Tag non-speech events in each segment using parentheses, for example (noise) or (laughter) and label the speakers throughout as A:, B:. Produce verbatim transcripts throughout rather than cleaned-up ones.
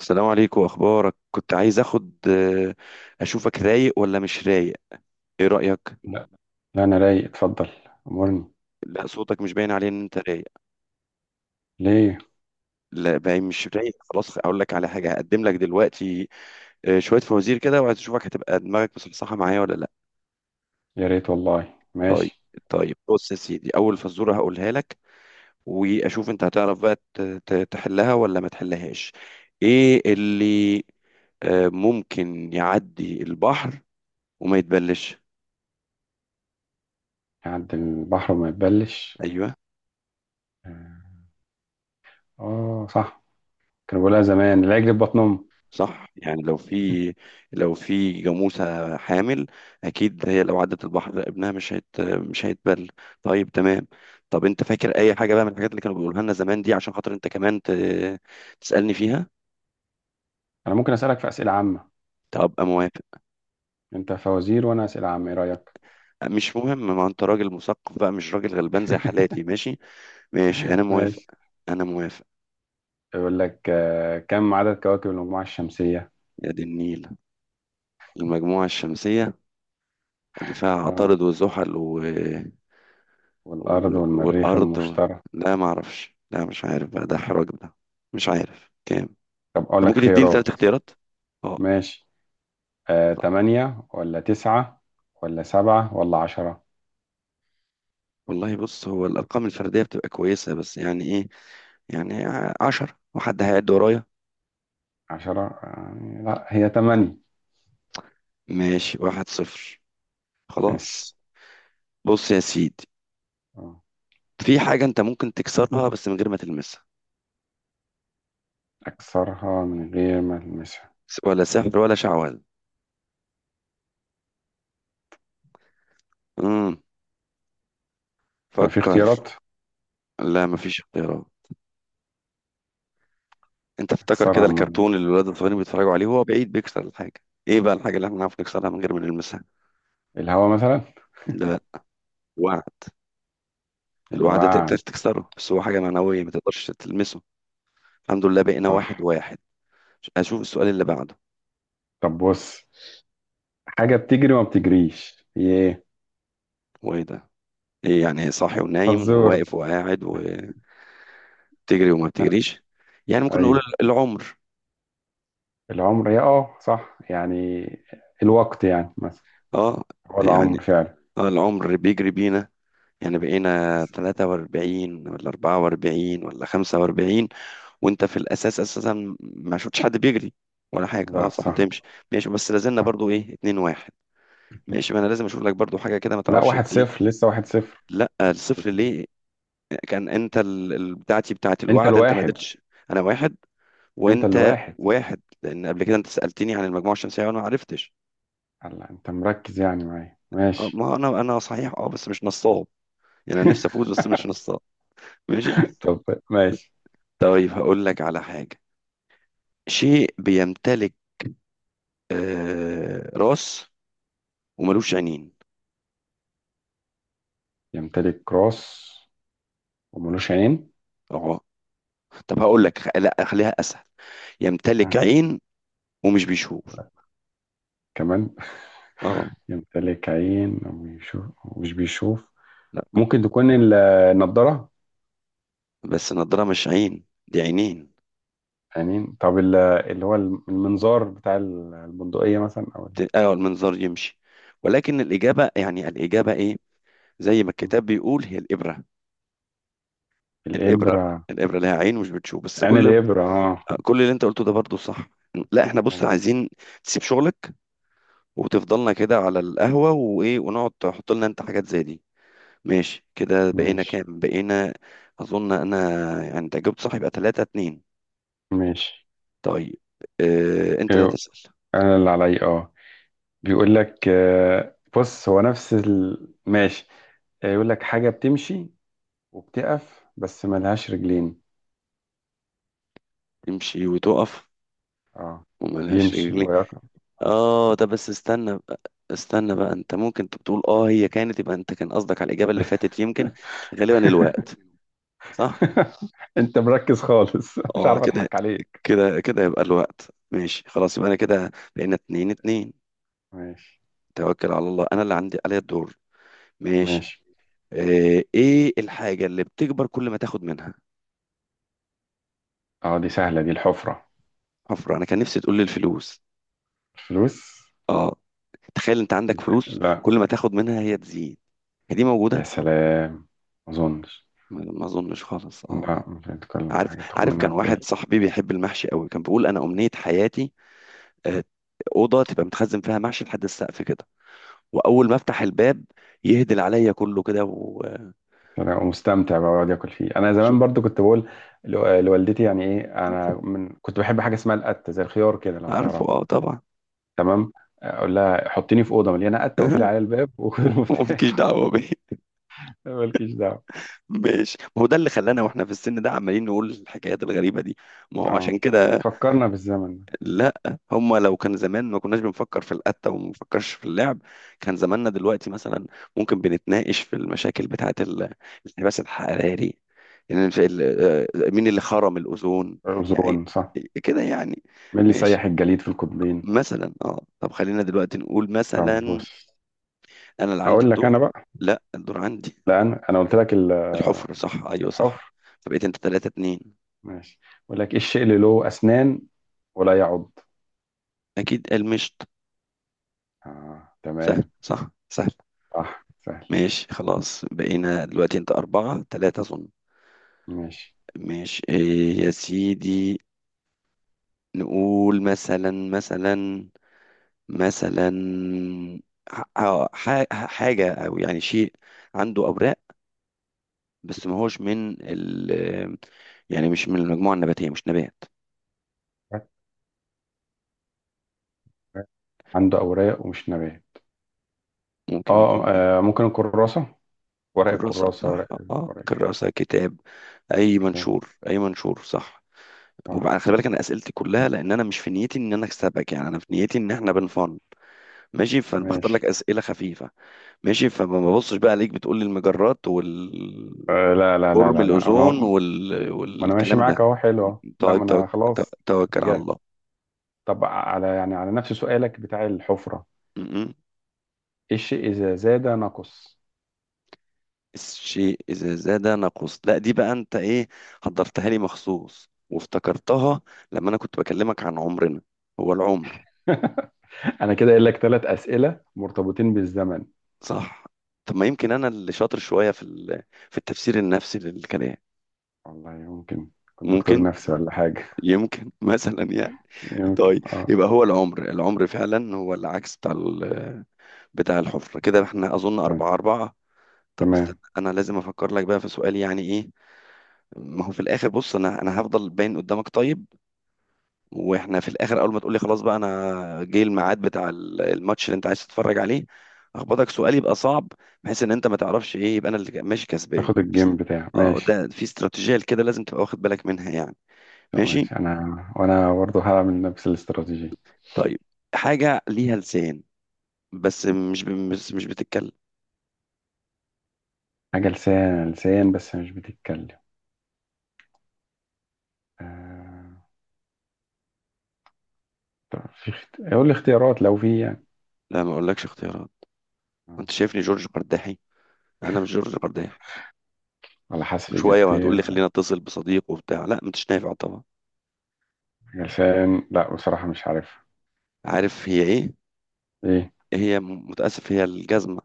A: السلام عليكم. اخبارك؟ كنت عايز اخد آه، اشوفك رايق ولا مش رايق. ايه رايك؟
B: لا، لا، انا رايق. اتفضل. امرني.
A: لا، صوتك مش باين عليه ان انت رايق.
B: ليه؟
A: لا، باين مش رايق. خلاص اقول لك على حاجه هقدم لك دلوقتي. آه، شويه فوازير كده، وعايز اشوفك هتبقى دماغك مصحصحه معايا ولا لا.
B: يا ريت والله.
A: طيب.
B: ماشي.
A: طيب، بص يا سيدي، اول فزوره هقولها لك، واشوف انت هتعرف بقى ت- ت- تحلها ولا ما تحلهاش. ايه اللي آه، ممكن يعدي البحر وما يتبلش؟
B: يعدي البحر وما يتبلش.
A: ايوه،
B: اه. آه، صح. كانوا بيقولها زمان: لا يجري في بطن امه.
A: صح. يعني لو في لو في جاموسة حامل، أكيد هي لو عدت البحر ابنها مش هيت مش هيتبل. طيب، تمام. طب أنت فاكر أي حاجة بقى من الحاجات اللي كانوا بيقولها لنا زمان دي، عشان خاطر أنت كمان ت... تسألني فيها.
B: انا ممكن اسالك في اسئله عامه.
A: طب أبقى موافق.
B: انت فوازير وانا اسئله عامه، ايه رايك؟
A: مش مهم، ما أنت راجل مثقف بقى، مش راجل غلبان زي حالاتي،
B: (laughs)
A: ماشي. ماشي، أنا موافق.
B: ماشي.
A: أنا موافق.
B: يقول لك آه، كم عدد كواكب المجموعه الشمسيه؟
A: يا دي النيل. المجموعة الشمسية اللي فيها
B: اه.
A: عطارد وزحل و... و-
B: والارض والمريخ
A: والأرض.
B: المشتري.
A: لا ما أعرفش، لا مش عارف بقى، ده حراج ده. مش عارف كام.
B: طب اقول
A: أنت ممكن
B: لك
A: تديني ثلاث
B: خيارات.
A: اختيارات. اه.
B: ماشي. آه، تمانية ولا تسعة ولا سبعة ولا عشرة؟
A: والله بص، هو الأرقام الفردية بتبقى كويسة بس، يعني إيه؟ يعني ع- عشرة، وحد هيعد ورايا.
B: عشرة؟ آه، لا، هي تمانية.
A: ماشي، واحد صفر.
B: ماشي.
A: خلاص. بص يا سيدي،
B: آه.
A: في حاجة أنت ممكن تكسرها بس من غير ما تلمسها،
B: أكسرها من غير ما ألمسها؟
A: س- ولا سحر ولا شعوذة. امم
B: طب في
A: فكر.
B: اختيارات؟
A: لا، مفيش اختيارات. انت افتكر
B: أكسرها
A: كده
B: من
A: الكرتون اللي الولاد الصغيرين بيتفرجوا عليه، وهو بعيد بيكسر الحاجه. ايه بقى الحاجه اللي احنا نعرف نكسرها من غير ما نلمسها؟
B: الهواء مثلا.
A: ده الوعد. الوعد تقدر
B: الوعد.
A: تكسره بس هو حاجه معنويه، ما تقدرش تلمسه. الحمد لله بقينا
B: صح.
A: واحد واحد. اشوف السؤال اللي بعده.
B: طب بص. حاجة بتجري وما بتجريش، هي إيه؟
A: هو ايه ده؟ ايه يعني صاحي ونايم
B: فزور.
A: وواقف وقاعد وتجري وما
B: آه،
A: بتجريش. يعني ممكن نقول
B: أيوه.
A: ال- العمر.
B: العمر، هي أه صح يعني. الوقت يعني مثلا.
A: اه،
B: هو العمر
A: يعني
B: فعلا.
A: اه العمر بيجري بينا، يعني بقينا تلاتة وأربعين ولا أربعة وأربعين ولا خمسة وأربعين، وانت في الاساس اساسا ما شفتش حد بيجري ولا حاجه. اه
B: لا،
A: صح،
B: صح.
A: تمشي. ماشي بس لازلنا برضو ايه، اتنين واحد. ماشي، ما انا لازم اشوف لك برضو حاجه كده ما
B: لا،
A: تعرفش
B: واحد
A: إنت ايه.
B: صفر، لسه واحد صفر.
A: لا، الصفر ليه؟ كان انت ال- ال- بتاعتي بتاعت
B: أنت
A: الوعد، انت ما
B: الواحد.
A: قدرتش. انا واحد
B: أنت
A: وانت
B: الواحد.
A: واحد، لان قبل كده انت سالتني عن المجموعه الشمسيه وانا ما عرفتش.
B: هلا أنت مركز يعني معايا،
A: آه،
B: ماشي.
A: ما انا انا صحيح اه، بس مش نصاب. يعني انا نفسي
B: (laughs)
A: افوز بس مش نصاب. ماشي.
B: طب ماشي.
A: طيب هقول لك على حاجه، شيء بيمتلك آه راس وملوش عينين.
B: يمتلك راس، وملوش عين؟
A: طب هقول لك خ- لا خليها اسهل، يمتلك
B: ها.
A: عين ومش بيشوف.
B: كمان؟
A: اه
B: يمتلك عين وبيشوف ومش بيشوف.
A: لا.
B: ممكن تكون ال- النضارة.
A: بس النضاره مش عين، دي عينين.
B: عينين؟ طب ال- اللي هو المنظار بتاع البندقية مثلا، أو ال-
A: ت- اه المنظار يمشي، ولكن الاجابه، يعني الاجابه ايه؟ زي ما الكتاب بيقول، هي الابره الابره
B: الإبرة.
A: الابره لها عين ومش بتشوف بس.
B: عين
A: كل
B: الإبرة، اه.
A: كل اللي انت قلته ده برضو صح. لا احنا بص عايزين تسيب شغلك وتفضلنا كده على القهوه وايه، ونقعد تحط لنا انت حاجات زي دي. ماشي، كده بقينا
B: ماشي.
A: كام بقينا؟ اظن انا، يعني انت جبت صح يبقى تلاتة اتنين.
B: ماشي.
A: طيب. آه، انت لا
B: أيوه،
A: تسأل.
B: أنا اللي عليا، اه. بيقول لك آه، بص، هو نفس ال... ماشي. آه، يقول لك حاجة بتمشي وبتقف بس ملهاش رجلين.
A: تمشي وتقف
B: اه.
A: وملهاش
B: يمشي
A: رجلين.
B: ويقف. اه.
A: اه، ده بس استنى بقى استنى بقى، انت ممكن تقول اه هي كانت، يبقى انت كان قصدك على الإجابة اللي فاتت يمكن. غالبا الوقت.
B: (laughs)
A: صح.
B: (laughs) انت مركز خالص. (laughs) مش
A: اه
B: عارف
A: كده.
B: اضحك عليك.
A: كده كده يبقى الوقت. ماشي خلاص، يبقى انا كده بقينا اتنين اتنين.
B: ماشي.
A: توكل على الله، انا اللي عندي، عليا الدور. ماشي.
B: ماشي.
A: آه، ايه الحاجة اللي بتكبر كل ما تاخد منها؟
B: اه، دي سهلة، دي الحفرة.
A: حفرة. انا كان نفسي تقول لي الفلوس.
B: الفلوس.
A: اه، تخيل انت عندك
B: بت-
A: فلوس
B: لا.
A: كل ما تاخد منها هي تزيد، هي دي
B: يا
A: موجودة.
B: سلام. ما اظنش.
A: ما ما اظنش خالص اه. آه.
B: لا، مش هتكون
A: عارف،
B: حاجة بتاخد
A: عارف
B: منها
A: كان واحد
B: بتقل.
A: صاحبي بيحب المحشي قوي، كان بيقول انا امنية حياتي آه، اوضه تبقى متخزن فيها محشي لحد السقف كده، واول ما افتح الباب يهدل عليا كله كده وشو.
B: انا مستمتع بقى بقعد اكل فيه. انا زمان برضو كنت بقول لو- لوالدتي، يعني ايه، انا من كنت بحب حاجة اسمها القتة زي الخيار كده، لو
A: عارفه
B: تعرف.
A: اه طبعا.
B: تمام. اقول لها حطيني في اوضه مليانه قته، وقفلي عليا
A: (laughs)
B: الباب وخد
A: مالكيش
B: المفتاح.
A: دعوه بيه.
B: (laughs) مالكيش دعوه.
A: ماشي، ما هو ده اللي خلانا واحنا في السن ده عمالين نقول الحكايات الغريبه دي، ما هو
B: اه،
A: عشان كده.
B: فكرنا بالزمن ده.
A: لا، هما لو كان زمان ما كناش بنفكر في القتة وما بنفكرش في اللعب. كان زماننا دلوقتي مثلا ممكن بنتناقش في المشاكل بتاعة ال- الانحباس الحراري، إن في ال- آه، مين اللي خرم الأوزون، يعني.
B: أوزون، صح.
A: كده يعني.
B: مين اللي
A: ماشي.
B: سيح الجليد في القطبين؟
A: مثلا اه، طب خلينا دلوقتي نقول
B: طب
A: مثلا.
B: بص.
A: انا اللي عندي
B: هقول لك
A: الدور.
B: انا بقى.
A: لا، الدور عندي.
B: لا، انا انا قلت لك ال-
A: الحفر صح، ايوه صح.
B: الحفر.
A: فبقيت انت ثلاثة اتنين.
B: ماشي. بقول لك: ايه الشيء اللي له اسنان ولا يعض؟
A: اكيد المشط.
B: آه،
A: سهل
B: تمام.
A: صح، سهل.
B: صح، سهل.
A: ماشي خلاص، بقينا دلوقتي انت أربعة تلاتة أظن.
B: ماشي.
A: ماشي، إيه يا سيدي، نقول مثلا، مثلا مثلا ح- ح- ح- حاجة، أو يعني شيء عنده أوراق، بس ما هوش من ال آه، يعني مش من المجموعة النباتية، مش نبات.
B: عنده اوراق ومش نبات؟
A: ممكن
B: اه.
A: يكون إيه؟
B: آه، ممكن الكراسه، ورق
A: كراسة
B: الكراسه، ورق.
A: صح، اه
B: الورق.
A: كراسة كتاب. أي
B: تمام.
A: منشور، أي منشور صح.
B: صح.
A: وبعد، خلي بالك أنا أسئلتي كلها، لأن أنا مش في نيتي إن أنا أكسبك، يعني أنا في نيتي إن إحنا بنفن. ماشي، فأنا بختار
B: ماشي.
A: لك أسئلة خفيفة. ماشي، فما ببصش بقى عليك بتقول لي المجرات
B: آه
A: والفورم،
B: لا، لا، لا، لا، لا،
A: الاوزون
B: انا،
A: وال...
B: ما انا ماشي
A: والكلام
B: معاك
A: ده.
B: اهو، حلو اهو، لا،
A: طيب
B: ما
A: توك...
B: انا
A: تو-
B: خلاص.
A: توكل على
B: رجعت.
A: الله.
B: طب على يعني على نفس سؤالك بتاع الحفره.
A: م- م.
B: الشيء إذا زاد نقص.
A: الشيء اذا زاد نقص. لا، دي بقى انت ايه، حضرتها لي مخصوص وافتكرتها لما انا كنت بكلمك عن عمرنا. هو العمر.
B: (laughs) أنا كده قايل لك ثلاث أسئلة مرتبطين بالزمن.
A: صح. طب ما يمكن انا اللي شاطر شويه في ال... في التفسير النفسي للكلام.
B: والله يمكن. كنت دكتور
A: ممكن.
B: نفسي ولا حاجة؟
A: يمكن. (laughs) مثلا يعني.
B: يمكن،
A: طيب
B: اه.
A: يبقى هو العمر، العمر فعلا هو العكس بتاع بتاع الحفرة. كده احنا أظن
B: تمام.
A: أربعة أربعة. طب استنى،
B: تمام.
A: أنا لازم أفكر لك بقى في سؤال، يعني إيه. ما هو في الآخر بص، أنا أنا هفضل باين قدامك طيب، وإحنا في الآخر أول ما تقولي خلاص بقى أنا جه الميعاد بتاع ال- الماتش اللي أنت عايز تتفرج عليه، أخبطك سؤال يبقى صعب بحيث إن أنت ما تعرفش إيه، يبقى أنا اللي ماشي كسبان.
B: تاخد الجيم بتاع
A: أه،
B: ماشي.
A: ده في استراتيجية كده لازم تبقى واخد بالك منها يعني.
B: طب
A: ماشي.
B: ماشي أنا. وأنا برضه هعمل نفس الاستراتيجية.
A: طيب، حاجة ليها لسان بس مش بس مش بتتكلم.
B: حاجة لسان، لسان بس مش بتتكلم. آه. طب في اخت... قول لي اختيارات لو في يعني.
A: لا، ما أقولكش اختيارات.
B: آه.
A: أنت شايفني جورج قرداحي؟ أنا مش جورج قرداحي.
B: ولا حذف
A: شويه وهتقول لي
B: إجابتين؟
A: خلينا اتصل بصديق وبتاع، لا مش نافع طبعا.
B: حاجة لسان، لا، بصراحة مش عارفها.
A: عارف هي ايه؟
B: إيه؟
A: هي م- متاسف، هي الجزمه.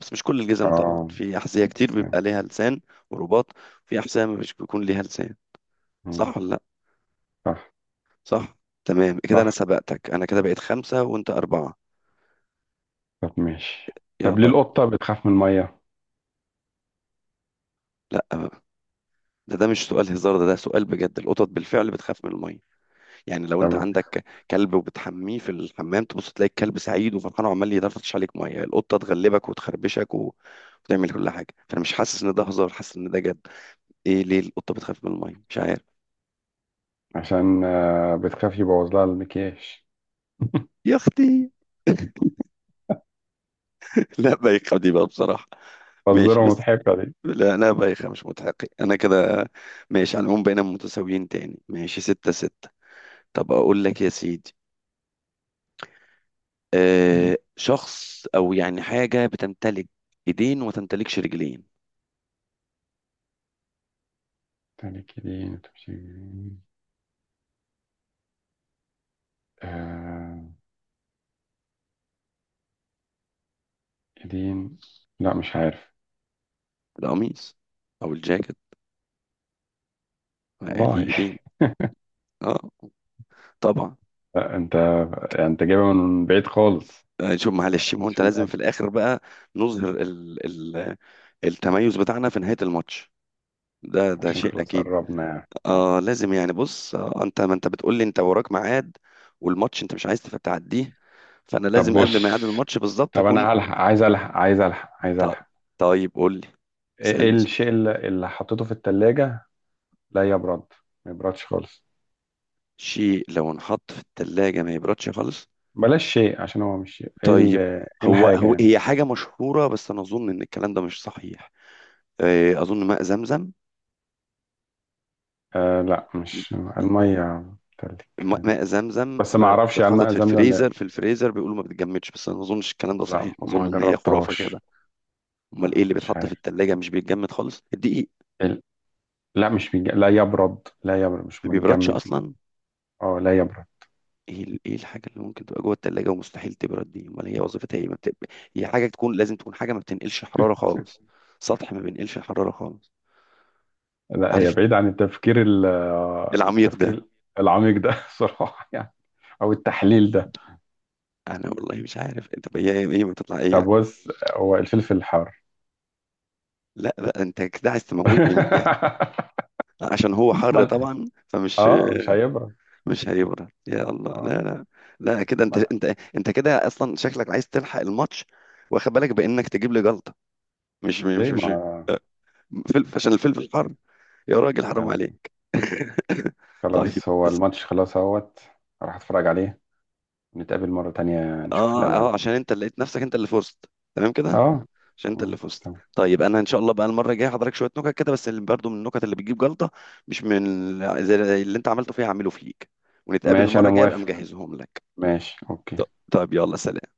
A: بس مش كل الجزم طبعا،
B: اه.
A: في احذيه كتير
B: لسان.
A: بيبقى ليها لسان ورباط، في احذيه مش بيكون ليها لسان.
B: مم.
A: صح ولا لا؟
B: صح.
A: صح. تمام كده، انا
B: صح.
A: سبقتك، انا كده بقيت خمسه وانت اربعه.
B: طب ماشي. طب ليه
A: يلا.
B: القطة بتخاف من المية؟
A: لا بقى. ده ده مش سؤال هزار، ده ده سؤال بجد، القطط بالفعل بتخاف من الميه. يعني لو انت
B: طب،
A: عندك كلب وبتحميه في الحمام، تبص تلاقي الكلب سعيد وفرحان وعمال يدفش عليك ميه، القطه تغلبك وتخربشك و... وتعمل كل حاجه. فانا مش حاسس ان ده هزار، حاسس ان ده جد. ايه ليه القطه بتخاف من الميه؟ مش عارف.
B: عشان آه، بتخاف يبوظ لها المكياج.
A: يا اختي. (laughs) لا بايخه دي بقى بصراحه. ماشي
B: فزورة
A: بس،
B: مضحكة دي.
A: لا لا بايخه، مش متحقق انا كده. ماشي، على العموم بقينا متساويين تاني، ماشي ستة ستة. طب اقول لك يا سيدي، آه شخص او يعني حاجه بتمتلك ايدين وتمتلكش رجلين.
B: تاني، كدين تمشي جنين. آه كدين. لا، مش عارف.
A: القميص او الجاكيت بقى ليه
B: والله. (laughs)
A: ايدين. اه طبعا.
B: لا، انت انت جايبها من بعيد خالص.
A: آه، شوف
B: ما
A: معلش، ما هو
B: جاتش
A: انت
B: في
A: لازم
B: دماغي.
A: في الاخر بقى نظهر ال ال التميز بتاعنا في نهاية الماتش، ده ده
B: عشان
A: شيء
B: خلاص
A: اكيد.
B: قربنا يعني، اه.
A: اه لازم يعني، بص، آه انت، ما انت بتقول لي انت وراك ميعاد والماتش انت مش عايز تف- تعديه، فانا
B: طب
A: لازم قبل ميعاد
B: بص.
A: الماتش بالظبط
B: طب
A: اكون.
B: انا هلحق، عايز الحق، عايز الحق، عايز
A: ط-
B: الحق.
A: طيب قول لي.
B: ايه إيه
A: اسالني سؤال.
B: الشيء اللي, اللي حطيته في التلاجة، لا يبرد، ما يبردش خالص.
A: شيء لو انحط في الثلاجة ما يبردش خالص.
B: بلاش شيء، عشان هو مش شيء. ايه ال-
A: طيب،
B: إيه
A: هو
B: الحاجة
A: هو
B: يعني؟
A: هي حاجة مشهورة بس انا اظن ان الكلام ده مش صحيح. آه، اظن ماء زمزم.
B: آه، لا، مش المية. بتلك.
A: م-
B: عادي.
A: ماء زمزم
B: بس ما
A: ما-
B: اعرفش عن
A: اتحطت
B: ماء
A: في
B: زمزم، لا،
A: الفريزر، في الفريزر بيقولوا ما بتتجمدش، بس انا ما اظنش الكلام ده صحيح،
B: لا،
A: اظن
B: ما
A: ان هي خرافه كده.
B: جربتهاش.
A: امال
B: لا،
A: ايه اللي
B: مش
A: بيتحط في
B: عارف.
A: التلاجة مش بيتجمد خالص؟ الدقيق
B: ال- لا، مش بيج... لا يبرد، لا يبرد مش
A: ما بيبردش
B: متجمد.
A: اصلا.
B: اه، لا يبرد.
A: ايه ال- ايه الحاجه اللي ممكن تبقى جوه التلاجة ومستحيل تبرد دي، امال هي وظيفتها ايه، ما بت... هي حاجه تكون لازم تكون حاجه ما بتنقلش حراره خالص، سطح ما بينقلش حراره خالص.
B: لا، هي
A: عارف
B: بعيد عن التفكير ال-
A: العميق ده.
B: التفكير العميق ده. (laughs) صراحة يعني، او التحليل ده.
A: انا والله مش عارف انت هي ايه، إيه ما تطلع ايه
B: طب
A: يعني.
B: بص. هو الفلفل الحار؟
A: لا لا، انت كده عايز تموتني من الضحك.
B: (laughs)
A: عشان هو حر
B: ما-
A: طبعا فمش،
B: اه، مش هيبرد.
A: مش هيبرد. يا الله،
B: اه.
A: لا لا. لا كده، انت
B: ما-
A: انت انت كده اصلا شكلك عايز تلحق الماتش، واخد بالك بانك تجيب لي جلطه. مش مش
B: ليه؟
A: مش آه، فلفل، عشان الفلفل حر. يا راجل حرام
B: ما
A: عليك. (laughs) طيب
B: خلاص، هو
A: بس.
B: الماتش خلاص اهوت. راح اتفرج عليه. نتقابل مرة تانية، نشوف
A: اه
B: الألعاب.
A: اه، عشان انت اللي لقيت نفسك انت اللي فزت. تمام
B: دي،
A: كده.
B: اه.
A: عشان انت اللي
B: مم.
A: فزت.
B: تمام.
A: طيب انا ان شاء الله بقى المره الجايه هحضرك شويه نكت كده، بس اللي برضو من النكت اللي بتجيب جلطه، مش من ال- زي اللي انت عملته فيها هعمله فيك، ونتقابل
B: ماشي،
A: المره
B: انا
A: الجايه ابقى
B: موافق.
A: مجهزهم لك.
B: ماشي، اوكي.
A: ط- طيب يلا، سلام.